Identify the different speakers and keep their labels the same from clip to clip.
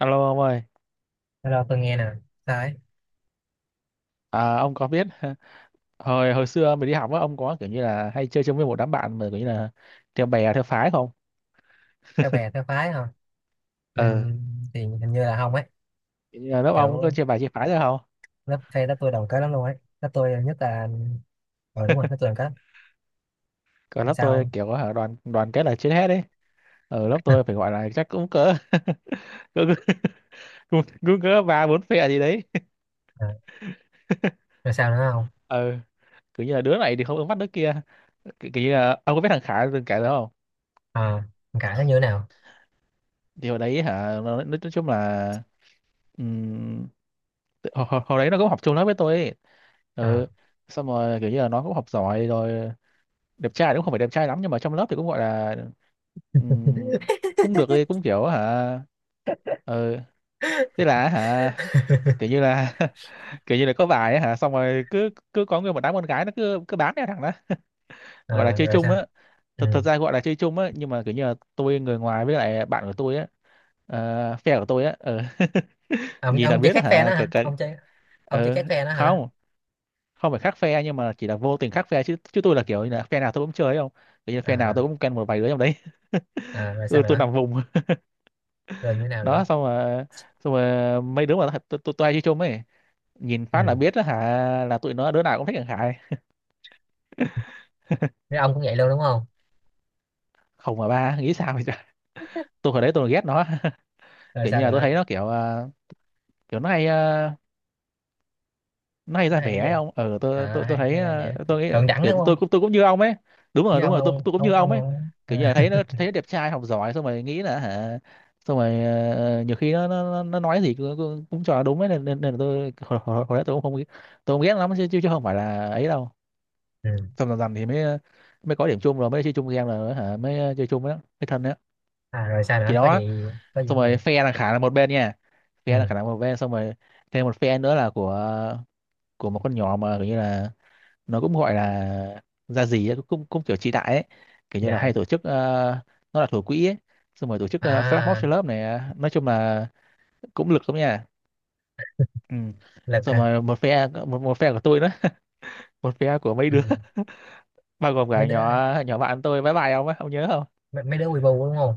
Speaker 1: Alo ông ơi,
Speaker 2: Hello, tôi nghe nè. Sao ấy?
Speaker 1: à, ông có biết hồi hồi xưa mình đi học á, ông có kiểu như là hay chơi chung với một đám bạn mà kiểu như là theo bè theo phái không?
Speaker 2: Theo bè, theo phái hả? Ừ,
Speaker 1: Ờ,
Speaker 2: thì hình như là không ấy.
Speaker 1: kiểu như là lớp ông có
Speaker 2: Kiểu
Speaker 1: chia bài chia phái ra không?
Speaker 2: lớp phe lớp tôi đồng kết lắm luôn ấy. Lớp tôi nhất là... Ờ đúng rồi, lớp tôi đồng kết.
Speaker 1: Còn lớp
Speaker 2: Sao
Speaker 1: tôi
Speaker 2: không?
Speaker 1: kiểu có hả đoàn đoàn kết là trên hết đấy. Ở lớp tôi phải gọi là chắc cũng cỡ cũng cũng cỡ ba bốn phe gì đấy.
Speaker 2: À, rồi sao nữa không?
Speaker 1: Ờ, kiểu như là đứa này thì không ứng mắt đứa kia. Kiểu như là ông có biết thằng Khải từng kể đó không?
Speaker 2: À, cãi nó như thế nào?
Speaker 1: Thì hồi đấy hả nó nói chung là hồi, hồi hồi đấy nó cũng học chung lớp với tôi ấy.
Speaker 2: À,
Speaker 1: Ừ. Xong rồi kiểu như là nó cũng học giỏi rồi, đẹp trai thì cũng không phải đẹp trai lắm nhưng mà trong lớp thì cũng gọi là ừm, cũng được đi, cũng kiểu hả. Ừ, thế là hả kiểu như là kiểu như là có bài ấy hả, xong rồi cứ cứ có người, một đám con gái nó cứ cứ bám theo thằng đó,
Speaker 2: à,
Speaker 1: gọi là chơi
Speaker 2: rồi
Speaker 1: chung
Speaker 2: sao?
Speaker 1: á.
Speaker 2: Ừ.
Speaker 1: Thật thật ra gọi là chơi chung á nhưng mà kiểu như là tôi người ngoài, với lại bạn của tôi á, ờ, phe của tôi á. Ừ.
Speaker 2: Ông,
Speaker 1: Nhìn là
Speaker 2: ông chơi
Speaker 1: biết
Speaker 2: khác phe
Speaker 1: hả
Speaker 2: nó
Speaker 1: cái
Speaker 2: hả?
Speaker 1: cái.
Speaker 2: Ông chơi
Speaker 1: Ừ.
Speaker 2: khác phe nó hả?
Speaker 1: Không, không phải khác phe nhưng mà chỉ là vô tình khác phe chứ chứ tôi là kiểu như là phe nào tôi cũng chơi ấy, không, kiểu như phe nào tôi
Speaker 2: À,
Speaker 1: cũng quen một vài đứa trong đấy.
Speaker 2: à, rồi sao
Speaker 1: Tôi
Speaker 2: nữa?
Speaker 1: nằm vùng.
Speaker 2: Rồi như thế nào nữa?
Speaker 1: Đó, xong rồi mấy đứa mà tôi hay chơi chung ấy, nhìn phát là
Speaker 2: Ừ.
Speaker 1: biết đó hả, là tụi nó đứa nào cũng thích thằng Khải.
Speaker 2: Thế ông cũng vậy luôn đúng không?
Speaker 1: Không mà ba nghĩ sao vậy trời? Tôi hồi đấy tôi ghét nó.
Speaker 2: Rồi
Speaker 1: Kiểu như
Speaker 2: sao
Speaker 1: là tôi
Speaker 2: nữa?
Speaker 1: thấy nó kiểu kiểu nó hay nay
Speaker 2: Nó
Speaker 1: ra
Speaker 2: hay
Speaker 1: vẻ
Speaker 2: cái
Speaker 1: ấy
Speaker 2: gì?
Speaker 1: ông. Ờ, tôi tôi
Speaker 2: À,
Speaker 1: tôi
Speaker 2: hay,
Speaker 1: thấy
Speaker 2: hay là vậy.
Speaker 1: tôi nghĩ
Speaker 2: Thượng đẳng
Speaker 1: kiểu
Speaker 2: đúng
Speaker 1: tôi
Speaker 2: không?
Speaker 1: cũng, tôi cũng như ông ấy. Đúng
Speaker 2: Với
Speaker 1: rồi, đúng
Speaker 2: ông,
Speaker 1: rồi, tôi cũng
Speaker 2: ông,
Speaker 1: như
Speaker 2: ông,
Speaker 1: ông ấy.
Speaker 2: ông,
Speaker 1: Kiểu như là
Speaker 2: à.
Speaker 1: thấy nó đẹp trai học giỏi xong rồi nghĩ là hả, xong rồi ờ, nhiều khi nó nói gì cũng cho là đúng ấy, nên nên là tôi hồi đấy tôi cũng không, tôi không ghét lắm chứ chứ chứ không phải là ấy đâu.
Speaker 2: Ừ.
Speaker 1: Xong dần dần thì mới ờ, mới có điểm chung rồi mới chơi chung game rồi hả, mới ờ, chơi chung với mới thân đó.
Speaker 2: À, rồi sao nữa,
Speaker 1: Chỉ
Speaker 2: có
Speaker 1: đó.
Speaker 2: gì, có gì,
Speaker 1: Xong
Speaker 2: có gì?
Speaker 1: rồi phe là Khả là một bên nha. Phe là
Speaker 2: Ừ.
Speaker 1: Khả là một bên, xong rồi thêm một phe nữa là của một con nhỏ mà kiểu như là nó cũng gọi là ra gì ấy, cũng cũng kiểu trị đại ấy, kiểu
Speaker 2: Chị
Speaker 1: như là hay
Speaker 2: đại
Speaker 1: tổ chức ờ, nó là thủ quỹ ấy, xong rồi tổ chức flash mob cho
Speaker 2: à.
Speaker 1: lớp này. Ờ, nói chung là cũng lực lắm nha. Ừ.
Speaker 2: Lực
Speaker 1: Xong
Speaker 2: hả?
Speaker 1: rồi một phe, một phe của tôi đó. Một phe của mấy
Speaker 2: Ừ.
Speaker 1: đứa bao gồm
Speaker 2: mấy
Speaker 1: cả
Speaker 2: đứa
Speaker 1: nhỏ nhỏ bạn tôi bye bye ông ấy, ông nhớ không?
Speaker 2: mấy đứa quy bu đúng không?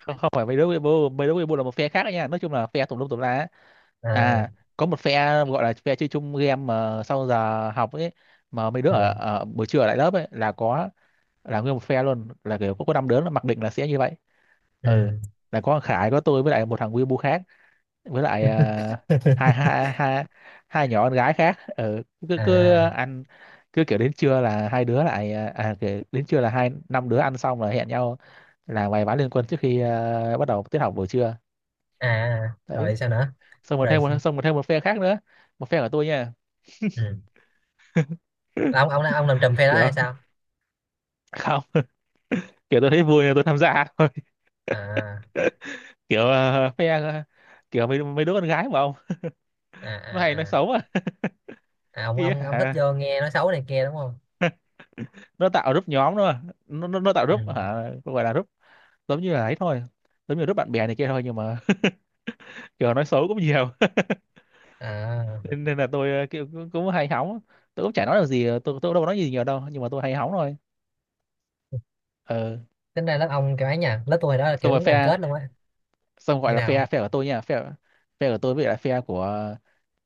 Speaker 1: Không, không phải mấy đứa Weibo, mấy đứa Weibo là một phe khác đấy nha. Nói chung là phe tùm lum tùm la á. À,
Speaker 2: À.
Speaker 1: có một phe gọi là phe chơi chung game mà sau giờ học ấy, mà mấy đứa ở,
Speaker 2: Ừ.
Speaker 1: ở buổi trưa ở lại lớp ấy, là có, là nguyên một phe luôn, là kiểu có 5 đứa là mặc định là sẽ như vậy. Ừ,
Speaker 2: Ừ.
Speaker 1: là có thằng Khải, có tôi với lại một thằng Weibo khác, với lại hai hai hai hai nhỏ con gái khác. Ừ, cứ cứ
Speaker 2: À,
Speaker 1: ăn, kiểu đến trưa là hai đứa lại kiểu đến trưa là 5 đứa ăn xong là hẹn nhau là vài ván liên quân trước khi bắt đầu tiết học buổi trưa.
Speaker 2: à,
Speaker 1: Đấy,
Speaker 2: rồi sao nữa
Speaker 1: xong rồi
Speaker 2: rồi?
Speaker 1: thêm một phe khác nữa, một phe của tôi nha.
Speaker 2: Ừ. Là ông làm trùm phe đó
Speaker 1: Kiểu
Speaker 2: hay sao?
Speaker 1: không. Kiểu tôi thấy vui nên tôi tham gia thôi.
Speaker 2: à
Speaker 1: Kiểu ờ, phe ờ, kiểu mấy mấy đứa con gái mà ông,
Speaker 2: à
Speaker 1: nó hay nói
Speaker 2: à, à.
Speaker 1: xấu à
Speaker 2: À, ông
Speaker 1: kia
Speaker 2: ông ông thích
Speaker 1: hả.
Speaker 2: vô nghe nói xấu này kia đúng không?
Speaker 1: Nó tạo group nhóm thôi mà. Nó tạo
Speaker 2: Ừ.
Speaker 1: group hả, gọi là group giống như là ấy thôi, giống như group bạn bè này kia thôi nhưng mà kiểu nói xấu cũng nhiều.
Speaker 2: À,
Speaker 1: Nên, là tôi ờ, kiểu cũng hay hóng. Tôi cũng chả nói được gì. Ờ, tôi cũng đâu có nói gì nhiều đâu nhưng mà tôi hay hóng thôi. Ờ,
Speaker 2: tính ra lớp ông cái ấy nha, lớp tôi hồi đó là
Speaker 1: xong
Speaker 2: kiểu
Speaker 1: rồi
Speaker 2: đúng đoàn
Speaker 1: phe,
Speaker 2: kết luôn á.
Speaker 1: xong
Speaker 2: Như
Speaker 1: gọi là
Speaker 2: nào?
Speaker 1: phe phe của tôi nha. Phe Phe của tôi với lại phe của,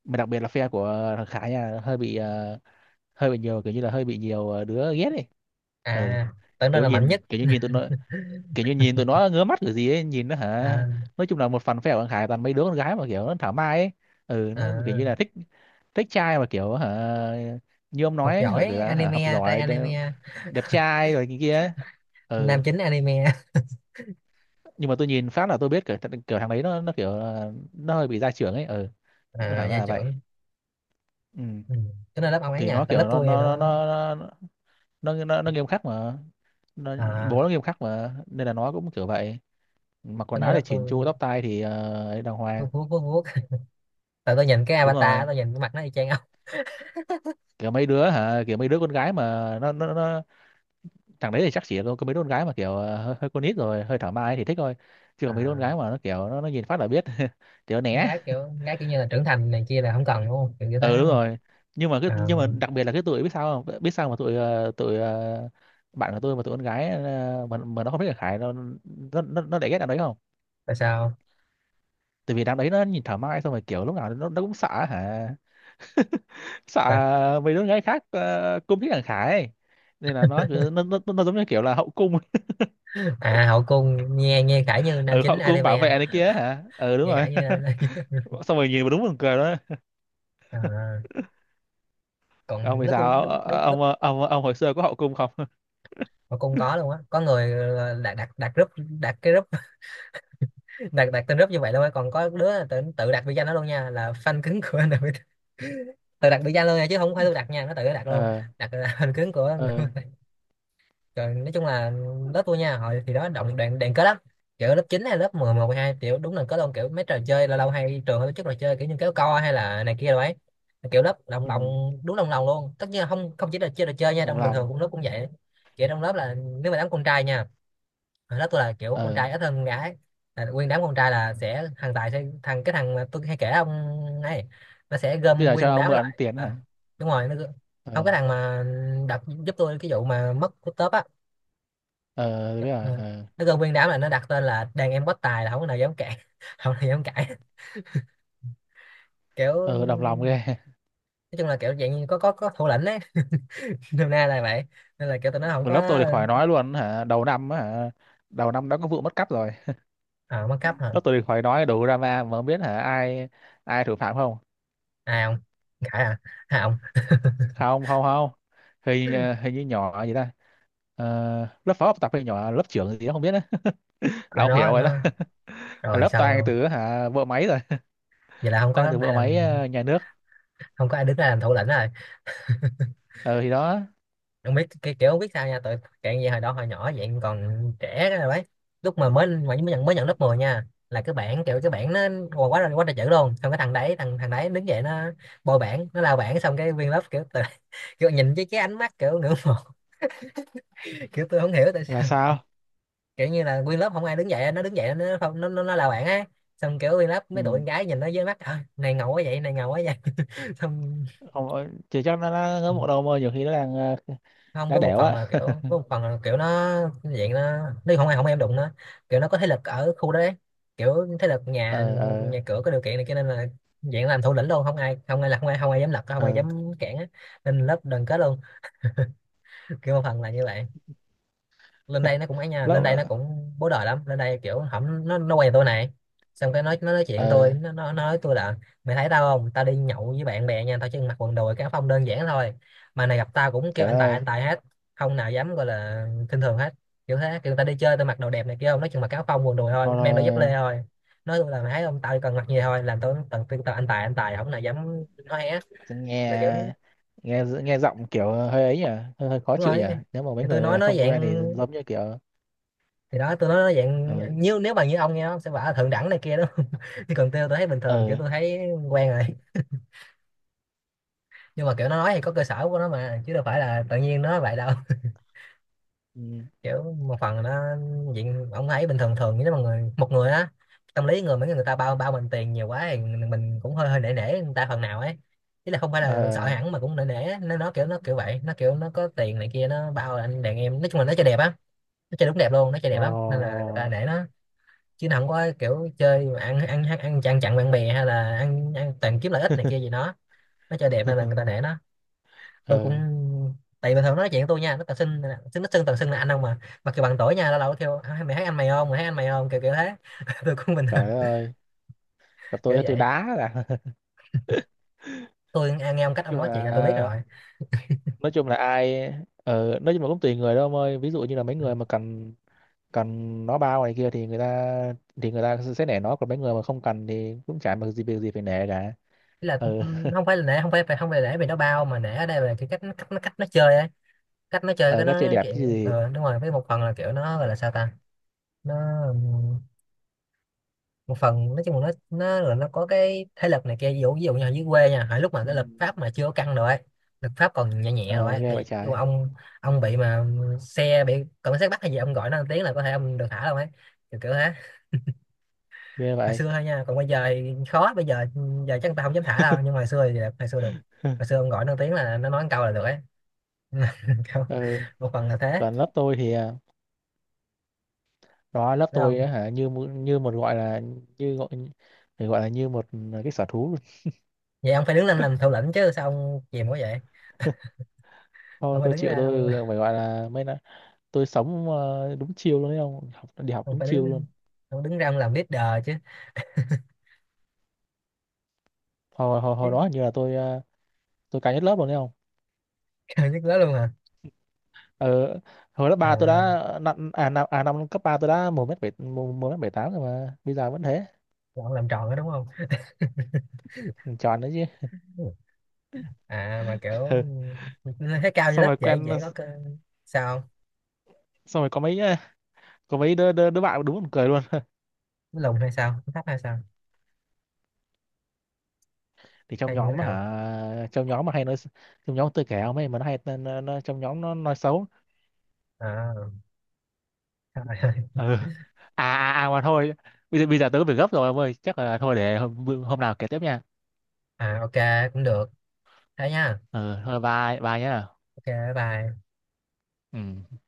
Speaker 1: mà đặc biệt là phe của thằng Khải nha, hơi bị ờ, hơi bị nhiều kiểu như là hơi bị nhiều ờ, đứa ghét đi. Ừ,
Speaker 2: À, tưởng đâu
Speaker 1: kiểu
Speaker 2: là mạnh
Speaker 1: nhìn
Speaker 2: nhất.
Speaker 1: kiểu như nhìn tụi nó ngứa mắt kiểu gì ấy, nhìn nó hả.
Speaker 2: À,
Speaker 1: Nói chung là một phần phe của thằng Khải toàn mấy đứa con gái mà kiểu nó thảo mai ấy. Ừ, nó kiểu như là
Speaker 2: à,
Speaker 1: thích, thích trai mà kiểu hả, như ông
Speaker 2: học
Speaker 1: nói ấy, hả, kiểu
Speaker 2: giỏi
Speaker 1: là hả, học
Speaker 2: anime, trai
Speaker 1: giỏi đẹp,
Speaker 2: anime.
Speaker 1: đẹp trai rồi cái kia ấy. Ừ,
Speaker 2: Nam chính anime.
Speaker 1: nhưng mà tôi nhìn phát là tôi biết kiểu, kiểu thằng đấy nó kiểu là nó hơi bị gia trưởng ấy. Ừ, nó
Speaker 2: À,
Speaker 1: thẳng ra
Speaker 2: gia
Speaker 1: là vậy.
Speaker 2: trưởng.
Speaker 1: Ừ,
Speaker 2: Ừ. Tính là lớp ông ấy
Speaker 1: thì
Speaker 2: nha,
Speaker 1: nó
Speaker 2: tại
Speaker 1: kiểu
Speaker 2: lớp tôi đó.
Speaker 1: nó nghiêm khắc mà. Nó,
Speaker 2: À,
Speaker 1: bố nó nghiêm khắc mà nên là nó cũng kiểu vậy. Mặc quần
Speaker 2: tính là
Speaker 1: áo thì
Speaker 2: lớp
Speaker 1: chỉn
Speaker 2: tôi.
Speaker 1: chu, tóc tai thì ờ, ấy đàng
Speaker 2: Vuốt
Speaker 1: hoàng.
Speaker 2: vuốt vuốt vuốt. Tại tôi nhìn cái
Speaker 1: Đúng
Speaker 2: avatar,
Speaker 1: rồi,
Speaker 2: tôi nhìn cái mặt nó y chang ông.
Speaker 1: kiểu mấy đứa hả, kiểu mấy đứa con gái mà nó thằng đấy thì chắc chỉ có mấy đứa con gái mà kiểu ờ, hơi con nít rồi hơi thảo mai thì thích thôi, chứ còn mấy đứa con
Speaker 2: À,
Speaker 1: gái mà nó kiểu nó nhìn phát là biết thì nó
Speaker 2: con
Speaker 1: né.
Speaker 2: gái kiểu, con gái kiểu như là trưởng thành này kia là không cần đúng không, kiểu như thế
Speaker 1: Ừ đúng
Speaker 2: đúng không?
Speaker 1: rồi, nhưng mà cái,
Speaker 2: À,
Speaker 1: nhưng mà đặc biệt là cái tụi biết sao không, biết sao mà tụi ờ, bạn của tôi mà tụi con gái ờ, mà nó không biết là Khải nó nó để ghét đám đấy không.
Speaker 2: tại sao?
Speaker 1: Tại vì đám đấy nó nhìn thảo mai xong rồi kiểu lúc nào nó cũng sợ hả, sợ
Speaker 2: Tại-
Speaker 1: mấy đứa con gái khác ờ, cung thích thằng Khải ấy. Nên là nó nó giống như kiểu là hậu cung.
Speaker 2: À, hậu cung. Nghe nghe khải như nam
Speaker 1: Ừ,
Speaker 2: chính
Speaker 1: họ cũng bảo
Speaker 2: anime.
Speaker 1: vệ này kia hả, ừ đúng
Speaker 2: Nghe
Speaker 1: rồi.
Speaker 2: khải như.
Speaker 1: Xong rồi nhìn mà đúng buồn cười đó.
Speaker 2: À,
Speaker 1: Ông
Speaker 2: còn
Speaker 1: vì
Speaker 2: lớp tôi
Speaker 1: sao
Speaker 2: đúng đúng lớp.
Speaker 1: ông ờ, ông hồi xưa có hậu cung không?
Speaker 2: Hậu cung có luôn á, có người đặt đặt đặt group. Đặt cái group. Đặt đặt tên group như vậy luôn á, còn có đứa tự đặt biệt danh đó luôn nha, là fan cứng của NPT. Tự đặt biệt danh luôn nha, chứ không phải tôi đặt nha, nó tự nó đặt luôn.
Speaker 1: Ờ.
Speaker 2: Đặt là fan cứng của.
Speaker 1: Ờ.
Speaker 2: Rồi nói chung là lớp tôi nha, hồi thì đó động đoàn đoàn kết lắm. Kiểu lớp 9 hay lớp 10 11 12, kiểu đúng là có luôn kiểu mấy trò chơi, lâu lâu hay trường hay tổ chức trò chơi kiểu như kéo co hay là này kia rồi ấy. Kiểu lớp đồng
Speaker 1: Ừ.
Speaker 2: lòng. Đúng đồng lòng luôn, tất nhiên là không, không chỉ là chơi trò chơi nha,
Speaker 1: Đồng
Speaker 2: trong bình thường
Speaker 1: lòng.
Speaker 2: cũng lớp cũng vậy. Kiểu trong lớp là nếu mà đám con trai nha, hồi đó tôi là kiểu con
Speaker 1: Ờ,
Speaker 2: trai ít hơn con gái, là nguyên đám con trai là sẽ thằng Tài sẽ thằng cái thằng mà tôi hay kể ông ấy, nó sẽ
Speaker 1: bây
Speaker 2: gom
Speaker 1: giờ
Speaker 2: nguyên
Speaker 1: cho
Speaker 2: một
Speaker 1: ông
Speaker 2: đám
Speaker 1: mượn
Speaker 2: lại.
Speaker 1: tiền
Speaker 2: Ờ,
Speaker 1: hả?
Speaker 2: Đúng rồi, nó gom-
Speaker 1: Ờ,
Speaker 2: Không, cái thằng mà đặt giúp tôi cái vụ mà mất của tớp á.
Speaker 1: ờ tôi
Speaker 2: Dạ.
Speaker 1: biết rồi.
Speaker 2: Ờ,
Speaker 1: Ờ.
Speaker 2: nó gom nguyên đám là nó đặt tên là đàn em bất tài, là không có nào dám cãi. Không có nào dám cãi. Kiểu
Speaker 1: Ờ, đồng lòng ghê.
Speaker 2: nói chung là kiểu dạng như có có thủ lĩnh đấy. Nôm na là vậy. Nên là kiểu tụi nó không
Speaker 1: Mà lớp tôi
Speaker 2: có.
Speaker 1: thì khỏi nói luôn hả, đầu năm á hả, đầu năm đã có vụ mất cắp rồi.
Speaker 2: Ờ mất cấp hả?
Speaker 1: Lớp tôi thì khỏi nói, đủ drama mà, không biết hả ai, ai thủ phạm không?
Speaker 2: Ai không? Cãi à? Ai không?
Speaker 1: Không, không, không, hình ờ, hình như nhỏ gì ta. Ờ, lớp phó học tập hay nhỏ lớp trưởng gì đó không biết á. Là
Speaker 2: Ở
Speaker 1: ông
Speaker 2: đó
Speaker 1: hiểu rồi đó.
Speaker 2: nó. Rồi
Speaker 1: Lớp
Speaker 2: xong
Speaker 1: toàn
Speaker 2: luôn.
Speaker 1: từ hả vợ máy rồi.
Speaker 2: Vậy là không có
Speaker 1: Toàn từ
Speaker 2: ai
Speaker 1: vợ máy,
Speaker 2: làm.
Speaker 1: ờ, nhà nước.
Speaker 2: Không có ai đứng ra làm thủ lĩnh rồi.
Speaker 1: Ờ thì đó.
Speaker 2: Không biết cái kiểu không biết sao nha tụi cạn gì hồi đó hồi nhỏ vậy, còn trẻ rồi đấy. Lúc mà mới mới nhận mới nhận lớp 10 nha, là cái bảng, kiểu cái bảng nó quá quá là quá trời chữ luôn, xong cái thằng đấy thằng thằng đấy đứng dậy, nó bôi bảng, nó lao bảng, xong cái nguyên lớp kiểu tự- kiểu nhìn với cái ánh mắt kiểu ngưỡng mộ. Kiểu tôi không hiểu tại
Speaker 1: Là
Speaker 2: sao.
Speaker 1: sao?
Speaker 2: Kiểu như là nguyên lớp không ai đứng dậy, nó đứng dậy nó không nó lao bảng á, xong kiểu nguyên lớp mấy tụi
Speaker 1: Ừ,
Speaker 2: con gái nhìn nó với mắt "Ờ, này ngầu quá vậy, này ngầu quá vậy." Xong.
Speaker 1: không, ờ, chỉ cho nó ngớ bộ đầu mà nhiều khi nó đang ờ,
Speaker 2: Không,
Speaker 1: đá
Speaker 2: với một
Speaker 1: đẻo
Speaker 2: phần
Speaker 1: á.
Speaker 2: là kiểu, với một phần là kiểu nó dạng nó, nếu không ai không em đụng nó, kiểu nó có thế lực ở khu đó đấy. Kiểu thế lực nhà,
Speaker 1: Ờ. Ờ.
Speaker 2: nhà cửa có điều kiện này cho nên là dạng làm thủ lĩnh luôn, không ai không ai là không ai dám lật, không ai
Speaker 1: Ờ
Speaker 2: dám cản á. Nên lớp đoàn kết luôn. Kiểu một phần là như vậy. Lên đây nó cũng ấy nha, lên đây
Speaker 1: lớp.
Speaker 2: nó cũng bố đời lắm, lên đây kiểu hổng nó quen tôi này, xong cái nói, nó nói chuyện tôi,
Speaker 1: Ờ
Speaker 2: nó nói tôi là mày thấy tao không, tao đi nhậu với bạn bè nha, tao chỉ mặc quần đùi, cái áo phông đơn giản thôi, mà này gặp tao cũng kêu
Speaker 1: trời đất
Speaker 2: anh
Speaker 1: ơi.
Speaker 2: tài hết, không nào dám gọi, là khinh thường hết. Kiểu thế, kiểu tao đi chơi tao mặc đồ đẹp này kia không, nói chung mặc cái áo phông quần đùi
Speaker 1: Thôi
Speaker 2: thôi, mang đôi dép
Speaker 1: thôi.
Speaker 2: lê thôi, nói tôi là mày thấy không, tao chỉ cần mặc gì thôi, làm tôi tao tao tao anh tài anh tài, không nào dám nói hé. Là kiểu
Speaker 1: Nghe nghe Nghe giọng kiểu hơi ấy nhỉ, hơi khó
Speaker 2: đúng
Speaker 1: chịu nhỉ.
Speaker 2: rồi,
Speaker 1: Nếu mà mấy
Speaker 2: thì tôi
Speaker 1: người
Speaker 2: nói
Speaker 1: không quen thì
Speaker 2: dạng,
Speaker 1: giống như kiểu
Speaker 2: thì đó tôi nói nó
Speaker 1: ờ.
Speaker 2: dạng như nếu mà như ông nghe nó sẽ bảo là thượng đẳng này kia đó. Chứ còn tôi thấy bình thường, kiểu
Speaker 1: Ờ.
Speaker 2: tôi thấy quen rồi. Nhưng mà kiểu nó nói thì có cơ sở của nó mà, chứ đâu phải là tự nhiên nó nói vậy đâu.
Speaker 1: ừ,
Speaker 2: Kiểu một phần là nó diện ông thấy bình thường, thường như mà người một người á, tâm lý người mấy người ta bao bao mình tiền nhiều quá thì mình cũng hơi hơi nể nể người ta phần nào ấy. Ý là không phải là sợ
Speaker 1: ờ
Speaker 2: hẳn mà cũng nể nể á. Nó kiểu nó kiểu vậy, nó kiểu nó có tiền này kia, nó bao là anh đàn em, nói chung là nó chơi đẹp á, nó chơi đúng đẹp luôn, nó chơi đẹp
Speaker 1: ờ.
Speaker 2: lắm nên là người ta nể nó. Chứ nó không có kiểu chơi mà ăn ăn ăn ăn chặn chặn bạn bè, hay là ăn ăn toàn kiếm lợi ích này kia gì đó. Nó chơi đẹp nên là người ta để nó. Tôi cũng,
Speaker 1: Ờ,
Speaker 2: tại bình thường nó nói chuyện với tôi nha, nó toàn xưng, xưng nó xưng toàn xưng là anh không mà, mặc dù bằng tuổi nha, lâu lâu nó kêu "À, mày thấy anh mày không, mày thấy anh mày không," kiểu kiểu thế. Tôi cũng bình thường,
Speaker 1: trời đất ơi, gặp
Speaker 2: kiểu
Speaker 1: tôi
Speaker 2: vậy.
Speaker 1: đá là. Nói
Speaker 2: Tôi nghe nghe ông cách ông
Speaker 1: chung
Speaker 2: nói chuyện là tôi biết
Speaker 1: là,
Speaker 2: rồi.
Speaker 1: nói chung là ai ờ, nói chung là cũng tùy người đâu ông ơi, ví dụ như là mấy người mà cần, nó bao này kia thì người ta, thì người ta sẽ nể nó, còn mấy người mà không cần thì cũng chả mặc gì, việc gì phải nể cả.
Speaker 2: Ý là
Speaker 1: Ờ.
Speaker 2: không phải là nể, không phải nể vì nó bao, mà nể ở đây là cái cách nó, cách nó chơi ấy, cách nó chơi,
Speaker 1: Ờ,
Speaker 2: cái
Speaker 1: các
Speaker 2: nó
Speaker 1: chơi
Speaker 2: nói
Speaker 1: đẹp chứ
Speaker 2: chuyện.
Speaker 1: gì.
Speaker 2: Ờ đúng rồi, với một phần là kiểu nó gọi là sao ta, nó một phần nói chung là nó nó có cái thế lực này kia, ví dụ như ở dưới quê nha, hồi lúc mà
Speaker 1: Ừ.
Speaker 2: cái lực pháp mà chưa có căng rồi ấy, lực pháp còn nhẹ nhẹ rồi
Speaker 1: Ờ
Speaker 2: ấy,
Speaker 1: ghê
Speaker 2: thì
Speaker 1: vậy
Speaker 2: dù
Speaker 1: trái.
Speaker 2: ông bị mà xe bị cảnh sát bắt hay gì, ông gọi nó một tiếng là có thể ông được thả đâu ấy, kiểu kiểu thế.
Speaker 1: Ghê
Speaker 2: Hồi
Speaker 1: vậy.
Speaker 2: xưa thôi nha, còn bây giờ thì khó, bây giờ giờ chắc người ta không dám thả đâu, nhưng mà hồi xưa thì được, hồi xưa được. Hồi xưa ông gọi nó một tiếng là nó nói một câu là được ấy. Câu-
Speaker 1: Ờ,
Speaker 2: một phần là thế,
Speaker 1: còn lớp tôi thì đó lớp
Speaker 2: đúng
Speaker 1: tôi
Speaker 2: không?
Speaker 1: á hả như như một gọi là, như gọi, phải gọi là như một cái sở thú luôn.
Speaker 2: Vậy ông phải đứng lên làm thủ lĩnh chứ, sao ông chìm quá vậy?
Speaker 1: Thôi
Speaker 2: ông phải
Speaker 1: tôi
Speaker 2: đứng
Speaker 1: chịu,
Speaker 2: ra ông,
Speaker 1: tôi phải gọi là mấy là, tôi sống ờ, đúng chiêu luôn đấy không, học đi học
Speaker 2: ông
Speaker 1: đúng
Speaker 2: phải
Speaker 1: chiêu luôn.
Speaker 2: đứng, ông đứng ra ông làm leader chứ,
Speaker 1: Hồi hồi hồi
Speaker 2: chứ-
Speaker 1: đó hình như là tôi ờ, tôi cao nhất lớp luôn đấy không.
Speaker 2: Trời nhức nhớ luôn hả?
Speaker 1: Ờ, hồi lớp ba tôi
Speaker 2: À,
Speaker 1: đã năm cấp ba tôi đã 1m7, 1m78 rồi mà bây giờ vẫn thế.
Speaker 2: lộn, làm tròn đó đúng không?
Speaker 1: Tròn đấy chứ.
Speaker 2: À mà
Speaker 1: Ừ.
Speaker 2: kiểu lên thấy cao như
Speaker 1: Xong
Speaker 2: lớp
Speaker 1: rồi
Speaker 2: dễ
Speaker 1: quen,
Speaker 2: dễ có cơ, sao không?
Speaker 1: xong rồi có mấy ờ, có mấy đứa, đứa bạn đúng buồn cười luôn.
Speaker 2: Nó lùn hay sao? Nó thấp hay sao?
Speaker 1: Thì trong
Speaker 2: Hay như thế
Speaker 1: nhóm á
Speaker 2: nào?
Speaker 1: hả, trong nhóm tôi kể không ấy, mà nó hay trong nhóm nó nói xấu.
Speaker 2: À, trời ơi.
Speaker 1: Ừ. À à à mà thôi, bây giờ tớ có việc gấp rồi ông ơi, chắc là thôi để hôm nào kể tiếp nha.
Speaker 2: À ok, cũng được. Thế nha.
Speaker 1: Ừ thôi bye bye nhá.
Speaker 2: Ok bye bye.
Speaker 1: Ừ.